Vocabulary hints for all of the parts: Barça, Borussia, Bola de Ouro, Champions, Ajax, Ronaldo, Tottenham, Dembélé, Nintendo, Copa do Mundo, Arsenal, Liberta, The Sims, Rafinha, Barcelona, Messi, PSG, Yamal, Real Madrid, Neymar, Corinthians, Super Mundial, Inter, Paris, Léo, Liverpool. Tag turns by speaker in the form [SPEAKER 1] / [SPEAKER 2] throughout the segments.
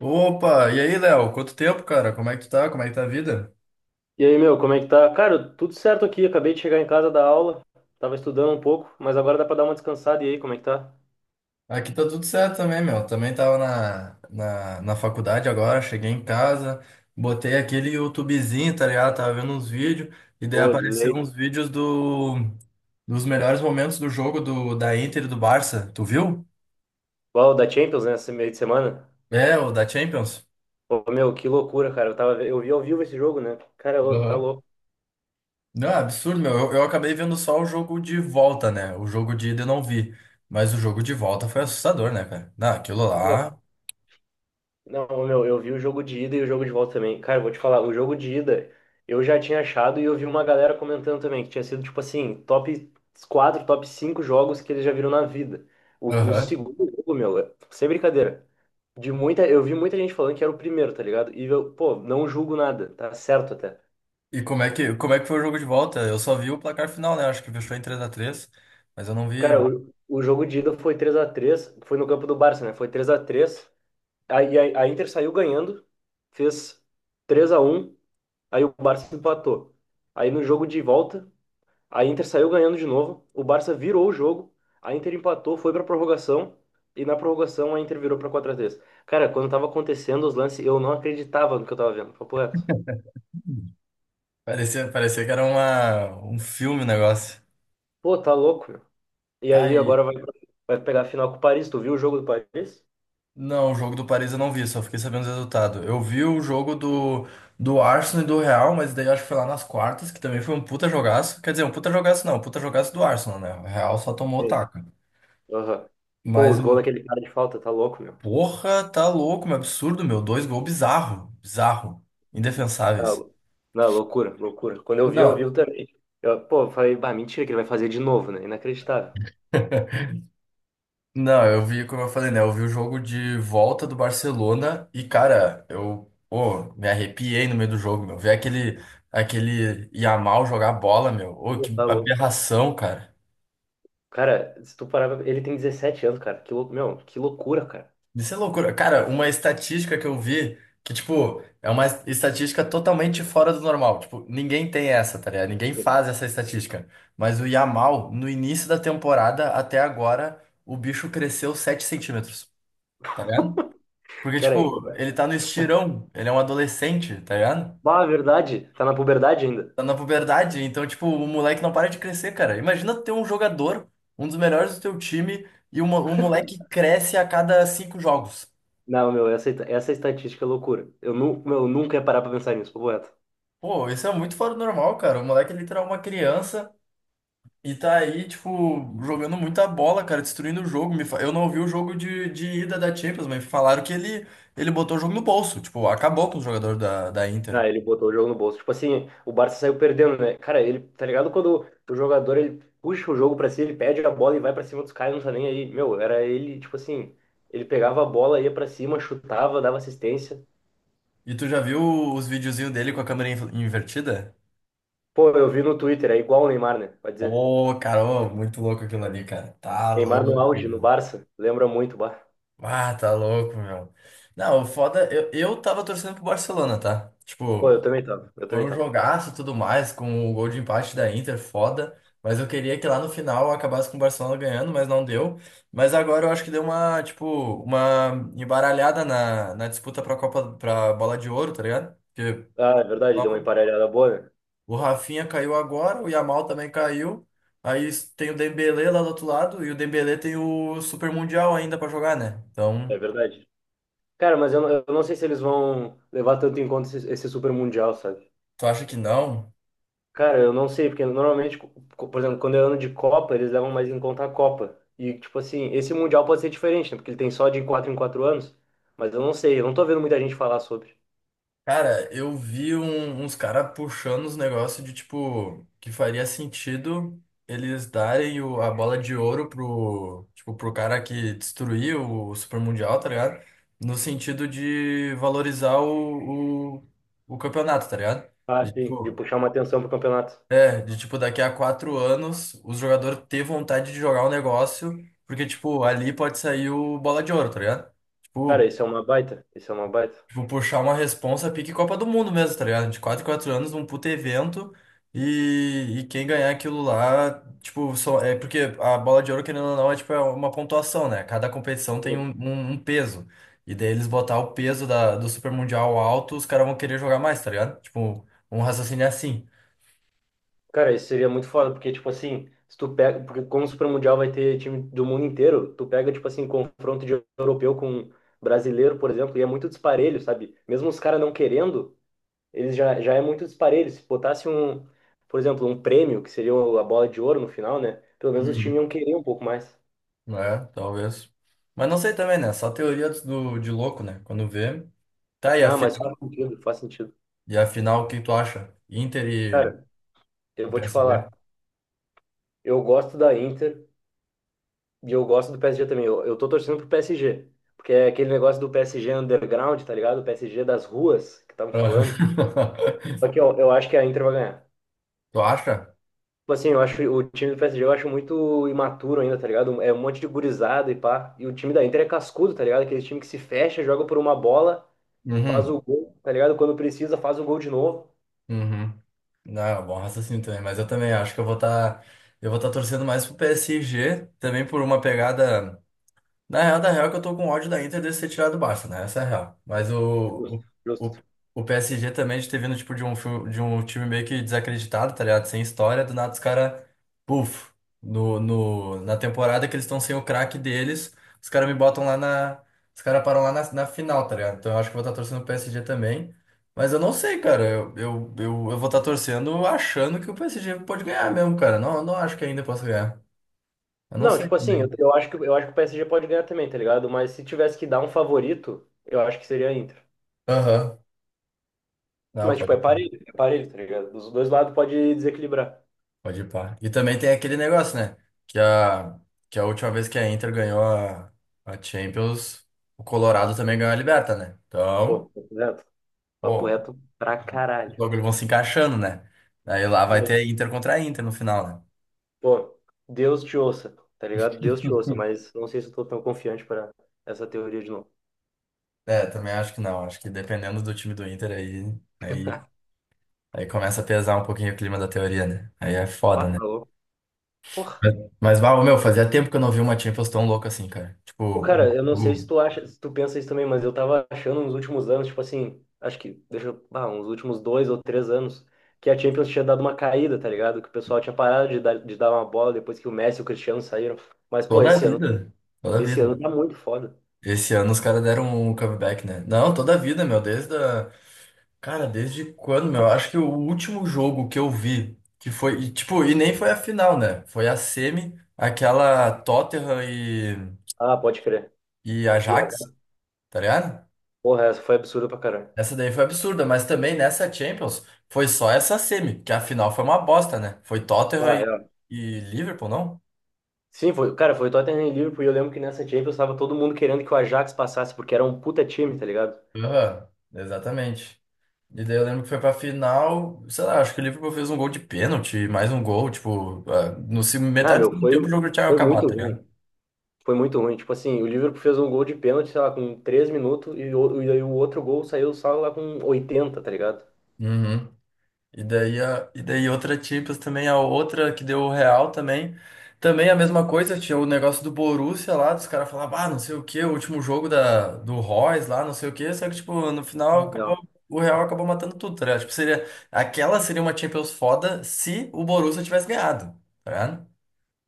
[SPEAKER 1] Opa, e aí, Léo? Quanto tempo, cara? Como é que tu tá? Como é que tá a vida?
[SPEAKER 2] E aí, meu, como é que tá? Cara, tudo certo aqui. Acabei de chegar em casa da aula. Tava estudando um pouco, mas agora dá pra dar uma descansada. E aí, como é que tá?
[SPEAKER 1] Aqui tá tudo certo também, meu. Também tava na faculdade agora, cheguei em casa, botei aquele YouTubezinho, tá ligado? Tava vendo uns vídeos, e daí
[SPEAKER 2] Pô, de
[SPEAKER 1] apareceram
[SPEAKER 2] lei.
[SPEAKER 1] uns vídeos dos melhores momentos do jogo da Inter e do Barça. Tu viu?
[SPEAKER 2] Uau, da Champions, né? Esse meio de semana.
[SPEAKER 1] É, o da Champions.
[SPEAKER 2] Pô, meu, que loucura, cara. Eu vi ao vivo esse jogo, né? Cara, ô, tá
[SPEAKER 1] Aham.
[SPEAKER 2] louco.
[SPEAKER 1] Não, é absurdo, meu. Eu acabei vendo só o jogo de volta, né? O jogo de ida eu não vi. Mas o jogo de volta foi assustador, né, cara? Não, aquilo lá.
[SPEAKER 2] Não, meu, eu vi o jogo de ida e o jogo de volta também. Cara, eu vou te falar, o jogo de ida eu já tinha achado e eu vi uma galera comentando também que tinha sido, tipo assim, top 4, top 5 jogos que eles já viram na vida. O
[SPEAKER 1] Aham.
[SPEAKER 2] segundo jogo, meu, sem brincadeira. De muita, eu vi muita gente falando que era o primeiro, tá ligado? E eu, pô, não julgo nada, tá certo até.
[SPEAKER 1] E como é que foi o jogo de volta? Eu só vi o placar final, né? Acho que fechou em três a três, mas eu não
[SPEAKER 2] Cara,
[SPEAKER 1] vi.
[SPEAKER 2] o jogo de ida foi 3-3, foi no campo do Barça, né? Foi 3-3. Aí a Inter saiu ganhando, fez 3-1. Aí o Barça empatou. Aí no jogo de volta, a Inter saiu ganhando de novo. O Barça virou o jogo. A Inter empatou, foi pra prorrogação. E na prorrogação a Inter virou pra 4-3. Cara, quando tava acontecendo os lances, eu não acreditava no que eu tava vendo. Papo reto.
[SPEAKER 1] Parecia que era um filme o negócio.
[SPEAKER 2] Pô, tá louco, meu. E
[SPEAKER 1] Tá
[SPEAKER 2] aí
[SPEAKER 1] aí.
[SPEAKER 2] agora vai, vai pegar a final com o Paris. Tu viu o jogo do Paris?
[SPEAKER 1] Não, o jogo do Paris eu não vi, só fiquei sabendo os resultados. Eu vi o jogo do Arsenal e do Real, mas daí acho que foi lá nas quartas, que também foi um puta jogaço. Quer dizer, um puta jogaço não, um puta jogaço do Arsenal, né? O Real só tomou o
[SPEAKER 2] Sim.
[SPEAKER 1] taco.
[SPEAKER 2] Aham. Pô,
[SPEAKER 1] Mas
[SPEAKER 2] os gols daquele cara de falta, tá louco, meu.
[SPEAKER 1] porra, tá louco, um absurdo, meu. Dois gols bizarro, bizarro,
[SPEAKER 2] Tá
[SPEAKER 1] indefensáveis.
[SPEAKER 2] lou- Não, loucura, loucura. Quando eu
[SPEAKER 1] Não.
[SPEAKER 2] vi também. Eu falei, bah, mentira que ele vai fazer de novo, né? Inacreditável.
[SPEAKER 1] Não, eu vi, como eu falei, né? Eu vi o jogo de volta do Barcelona e, cara, eu, pô, me arrepiei no meio do jogo, meu. Ver aquele Yamal jogar bola, meu. Ô,
[SPEAKER 2] Pô,
[SPEAKER 1] que
[SPEAKER 2] tá louco.
[SPEAKER 1] aberração, cara.
[SPEAKER 2] Cara, se tu parar, ele tem 17 anos, cara. Meu, que loucura, cara.
[SPEAKER 1] Isso é loucura. Cara, uma estatística que eu vi, que, tipo, é uma estatística totalmente fora do normal. Tipo, ninguém tem essa, tá ligado? Ninguém faz essa estatística. Mas o Yamal, no início da temporada até agora, o bicho cresceu 7 centímetros, tá ligado? Porque,
[SPEAKER 2] Cara,
[SPEAKER 1] tipo, ele tá no estirão, ele é um adolescente, tá ligado?
[SPEAKER 2] ah, é verdade, tá na puberdade ainda.
[SPEAKER 1] Tá na puberdade, então, tipo, o moleque não para de crescer, cara. Imagina ter um jogador, um dos melhores do teu time, e o o moleque cresce a cada cinco jogos.
[SPEAKER 2] Não, meu, essa estatística é loucura. Meu, eu nunca ia parar pra pensar nisso, papo reto.
[SPEAKER 1] Pô, isso é muito fora do normal, cara. O moleque é literal uma criança e tá aí, tipo, jogando muita bola, cara, destruindo o jogo. Eu não ouvi o jogo de ida da Champions, mas falaram que ele botou o jogo no bolso. Tipo, acabou com o jogador da Inter.
[SPEAKER 2] Ah, ele botou o jogo no bolso. Tipo assim, o Barça saiu perdendo, né? Cara, ele, tá ligado quando o jogador ele puxa o jogo pra si, ele pede a bola e vai pra cima dos caras, não tá nem aí. Meu, era ele, tipo assim, ele pegava a bola, ia pra cima, chutava, dava assistência.
[SPEAKER 1] E tu já viu os videozinhos dele com a câmera invertida?
[SPEAKER 2] Pô, eu vi no Twitter, é igual o Neymar, né? Pode dizer.
[SPEAKER 1] Ô, cara, ô, muito louco aquilo ali, cara. Tá
[SPEAKER 2] Neymar no
[SPEAKER 1] louco,
[SPEAKER 2] auge, no
[SPEAKER 1] meu.
[SPEAKER 2] Barça, lembra muito, bah.
[SPEAKER 1] Ah, tá louco, meu. Não, o foda, eu tava torcendo pro Barcelona, tá?
[SPEAKER 2] Pô, eu
[SPEAKER 1] Tipo,
[SPEAKER 2] também tava, eu
[SPEAKER 1] foi
[SPEAKER 2] também
[SPEAKER 1] um
[SPEAKER 2] tava.
[SPEAKER 1] jogaço e tudo mais, com o gol de empate da Inter, foda. Mas eu queria que lá no final acabasse com o Barcelona ganhando, mas não deu. Mas agora eu acho que deu uma, tipo, uma embaralhada na disputa pra Copa, pra Bola de Ouro, tá ligado? Porque
[SPEAKER 2] Ah, é verdade, deu uma emparelhada boa, né?
[SPEAKER 1] o Rafinha caiu agora, o Yamal também caiu. Aí tem o Dembélé lá do outro lado e o Dembélé tem o Super Mundial ainda pra jogar, né?
[SPEAKER 2] É
[SPEAKER 1] Então,
[SPEAKER 2] verdade. Cara, mas eu, eu não sei se eles vão levar tanto em conta esse Super Mundial, sabe?
[SPEAKER 1] tu acha que não?
[SPEAKER 2] Cara, eu não sei, porque normalmente, por exemplo, quando é ano de Copa, eles levam mais em conta a Copa. E, tipo assim, esse Mundial pode ser diferente, né? Porque ele tem só de 4 em 4 anos. Mas eu não sei, eu não tô vendo muita gente falar sobre.
[SPEAKER 1] Cara, eu vi uns caras puxando os negócios de tipo que faria sentido eles darem a bola de ouro pro, tipo, pro cara que destruiu o Super Mundial, tá ligado? No sentido de valorizar o campeonato, tá ligado?
[SPEAKER 2] Ah,
[SPEAKER 1] E,
[SPEAKER 2] sim, de
[SPEAKER 1] tipo,
[SPEAKER 2] puxar uma atenção pro campeonato.
[SPEAKER 1] é, de tipo, daqui a quatro anos, os jogadores ter vontade de jogar o negócio, porque, tipo, ali pode sair o bola de ouro, tá ligado?
[SPEAKER 2] Cara,
[SPEAKER 1] Tipo,
[SPEAKER 2] isso é uma baita, isso é uma baita.
[SPEAKER 1] tipo, puxar uma responsa pique Copa do Mundo mesmo, tá ligado? De quatro em quatro anos, um puto evento, e, quem ganhar aquilo lá, tipo, só, é porque a bola de ouro, querendo ou não, é tipo, é uma pontuação, né? Cada competição tem
[SPEAKER 2] Sim.
[SPEAKER 1] um peso. E daí eles botar o peso do Super Mundial alto, os caras vão querer jogar mais, tá ligado? Tipo, um raciocínio é assim.
[SPEAKER 2] Cara, isso seria muito foda, porque, tipo assim, se tu pega, porque como o Super Mundial vai ter time do mundo inteiro, tu pega, tipo assim, confronto de europeu com brasileiro, por exemplo, e é muito disparelho, sabe? Mesmo os caras não querendo, eles já é muito disparelho. Se botasse um, por exemplo, um prêmio, que seria a bola de ouro no final, né? Pelo menos os times
[SPEAKER 1] Uhum.
[SPEAKER 2] iam querer um pouco mais.
[SPEAKER 1] É, talvez. Mas não sei também, né? Só teoria de louco, né? Quando vê. Tá, e
[SPEAKER 2] Não, mas
[SPEAKER 1] afinal,
[SPEAKER 2] faz sentido, faz sentido.
[SPEAKER 1] e afinal, o que tu acha? Inter e
[SPEAKER 2] Cara, eu vou te
[SPEAKER 1] PSG?
[SPEAKER 2] falar, eu gosto da Inter, e eu gosto do PSG também. Eu tô torcendo pro PSG. Porque é aquele negócio do PSG underground, tá ligado? O PSG das ruas que estavam falando. Só que eu acho que a Inter vai ganhar.
[SPEAKER 1] Tu acha?
[SPEAKER 2] Tipo assim, eu acho o time do PSG eu acho muito imaturo ainda, tá ligado? É um monte de gurizada e pá. E o time da Inter é cascudo, tá ligado? Aquele time que se fecha, joga por uma bola, faz
[SPEAKER 1] Uhum,
[SPEAKER 2] o gol, tá ligado? Quando precisa, faz o gol de novo.
[SPEAKER 1] uhum. Não, é um bom raciocínio também, mas eu também acho que eu vou estar torcendo mais pro PSG, também por uma pegada. Na real, da real é que eu tô com ódio da Inter de ser tirado do Barça, né? Essa é a real. Mas
[SPEAKER 2] Justo,
[SPEAKER 1] o, o,
[SPEAKER 2] justo.
[SPEAKER 1] o PSG também de ter vindo tipo, de um, de um time meio que desacreditado, tá ligado? Sem história, do nada os caras, puf, no, no, na temporada que eles estão sem o craque deles, os caras me botam lá na. Os caras param lá na final, tá ligado? Então eu acho que eu vou estar torcendo o PSG também. Mas eu não sei, cara. Eu vou estar torcendo achando que o PSG pode ganhar mesmo, cara. Não, não acho que ainda possa ganhar. Eu não
[SPEAKER 2] Não,
[SPEAKER 1] sei
[SPEAKER 2] tipo assim,
[SPEAKER 1] também.
[SPEAKER 2] eu acho que o PSG pode ganhar também, tá ligado? Mas se tivesse que dar um favorito, eu acho que seria a Inter.
[SPEAKER 1] Aham. Não,
[SPEAKER 2] Mas, tipo,
[SPEAKER 1] pode.
[SPEAKER 2] é parelho, tá ligado? Dos dois lados pode desequilibrar.
[SPEAKER 1] Pode ir pá. E também tem aquele negócio, né? Que a, que a última vez que a Inter ganhou a Champions, o Colorado também ganhou a Liberta, né?
[SPEAKER 2] Pô,
[SPEAKER 1] Então,
[SPEAKER 2] papo reto. Papo
[SPEAKER 1] pô,
[SPEAKER 2] reto pra
[SPEAKER 1] os
[SPEAKER 2] caralho.
[SPEAKER 1] bagulhos vão se encaixando, né? Aí lá vai
[SPEAKER 2] Mas,
[SPEAKER 1] ter Inter contra a Inter no final, né?
[SPEAKER 2] pô, Deus te ouça, tá ligado? Deus te ouça, mas não sei se eu tô tão confiante pra essa teoria de novo.
[SPEAKER 1] É, também acho que não. Acho que dependendo do time do Inter aí, aí começa a pesar um pouquinho o clima da teoria, né? Aí é
[SPEAKER 2] Pá,
[SPEAKER 1] foda,
[SPEAKER 2] tá
[SPEAKER 1] né?
[SPEAKER 2] louco. Porra.
[SPEAKER 1] Mas, mas bah, meu, fazia tempo que eu não vi uma Champions tão louca assim, cara.
[SPEAKER 2] Ô,
[SPEAKER 1] Tipo, sim.
[SPEAKER 2] cara, eu não sei se tu acha, se tu pensa isso também, mas eu tava achando nos últimos anos, tipo assim, acho que, deixa eu, uns últimos 2 ou 3 anos, que a Champions tinha dado uma caída, tá ligado? Que o pessoal tinha parado de dar uma bola depois que o Messi e o Cristiano saíram. Mas, pô,
[SPEAKER 1] Toda a vida. Toda a
[SPEAKER 2] esse
[SPEAKER 1] vida.
[SPEAKER 2] ano tá muito foda.
[SPEAKER 1] Esse ano os caras deram um comeback, né? Não, toda a vida, meu, desde a... Cara, desde quando, meu? Acho que o último jogo que eu vi, que foi, e, tipo, e nem foi a final, né? Foi a semi, aquela
[SPEAKER 2] Ah, pode crer.
[SPEAKER 1] e
[SPEAKER 2] BH.
[SPEAKER 1] Ajax, tá ligado?
[SPEAKER 2] Porra, essa foi absurda pra caralho.
[SPEAKER 1] Essa daí foi absurda, mas também nessa Champions foi só essa semi, que a final foi uma bosta, né? Foi
[SPEAKER 2] Ah, real.
[SPEAKER 1] e Liverpool, não?
[SPEAKER 2] Sim, foi, cara, foi Tottenham e Liverpool e eu lembro que nessa Champions tava todo mundo querendo que o Ajax passasse, porque era um puta time, tá ligado?
[SPEAKER 1] Aham, exatamente. E daí eu lembro que foi pra final, sei lá, acho que o Liverpool fez um gol de pênalti, mais um gol, tipo, ah, no
[SPEAKER 2] Não,
[SPEAKER 1] metade do
[SPEAKER 2] meu,
[SPEAKER 1] segundo tempo o jogo já tinha
[SPEAKER 2] foi
[SPEAKER 1] acabado,
[SPEAKER 2] muito
[SPEAKER 1] tá ligado?
[SPEAKER 2] ruim. Foi muito ruim. Tipo assim, o Liverpool fez um gol de pênalti, sei lá, com 3 minutos e aí o outro gol saiu só lá com 80, tá ligado?
[SPEAKER 1] Uhum. E daí, e daí outra Champions também, a outra que deu o Real também. Também a mesma coisa, tinha o negócio do Borussia lá, dos caras falavam, ah, não sei o quê, o último jogo do Royce lá, não sei o quê, só que, tipo, no final
[SPEAKER 2] Ah,
[SPEAKER 1] acabou,
[SPEAKER 2] não.
[SPEAKER 1] o Real acabou matando tudo, tá ligado? Tipo, seria, aquela seria uma Champions foda se o Borussia tivesse ganhado, tá ligado?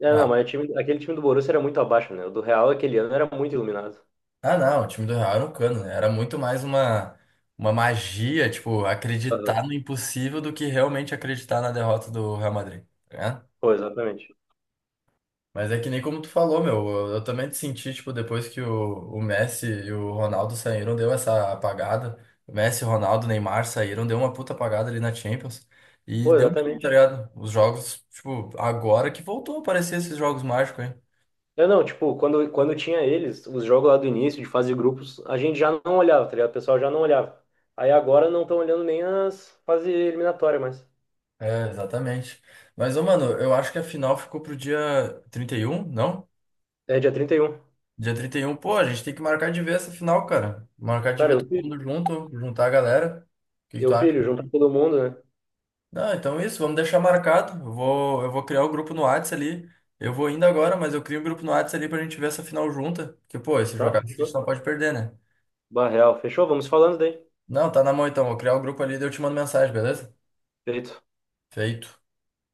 [SPEAKER 2] É, não, mas o time, aquele time do Borussia era muito abaixo, né? O do Real aquele ano era muito iluminado.
[SPEAKER 1] Ah, não, o time do Real era um cano, né? Era muito mais uma magia, tipo, acreditar
[SPEAKER 2] Aham.
[SPEAKER 1] no impossível do que realmente acreditar na derrota do Real Madrid, né?
[SPEAKER 2] Pô, exatamente.
[SPEAKER 1] Mas é que nem como tu falou, meu, eu também te senti, tipo, depois que o Messi e o Ronaldo saíram, deu essa apagada. O Messi, Ronaldo, Neymar saíram, deu uma puta apagada ali na Champions. E
[SPEAKER 2] Pô,
[SPEAKER 1] deu mesmo, tá
[SPEAKER 2] exatamente.
[SPEAKER 1] ligado? Os jogos, tipo, agora que voltou a aparecer esses jogos mágicos, hein?
[SPEAKER 2] Não, não, tipo, quando tinha eles, os jogos lá do início, de fase de grupos, a gente já não olhava, tá ligado? O pessoal já não olhava. Aí agora não estão olhando nem as fases eliminatórias mais.
[SPEAKER 1] É, exatamente. Mas, ô, mano, eu acho que a final ficou pro dia 31, não?
[SPEAKER 2] É dia 31.
[SPEAKER 1] Dia trinta e um, pô, a gente tem que marcar de ver essa final, cara. Marcar de
[SPEAKER 2] Cara,
[SPEAKER 1] ver todo mundo junto, juntar a galera. O que que tu
[SPEAKER 2] eu
[SPEAKER 1] acha?
[SPEAKER 2] pilho, junto com todo mundo, né?
[SPEAKER 1] Não, então é isso, vamos deixar marcado. Eu vou criar o grupo no Whats ali. Eu vou indo agora, mas eu crio um grupo no Whats ali pra gente ver essa final junta. Porque, pô, esse
[SPEAKER 2] Tá,
[SPEAKER 1] jogado a gente não
[SPEAKER 2] fechou.
[SPEAKER 1] pode perder, né?
[SPEAKER 2] Barreal, fechou, vamos falando daí.
[SPEAKER 1] Não, tá na mão então. Vou criar o grupo ali e eu te mando mensagem, beleza?
[SPEAKER 2] Feito.
[SPEAKER 1] Feito.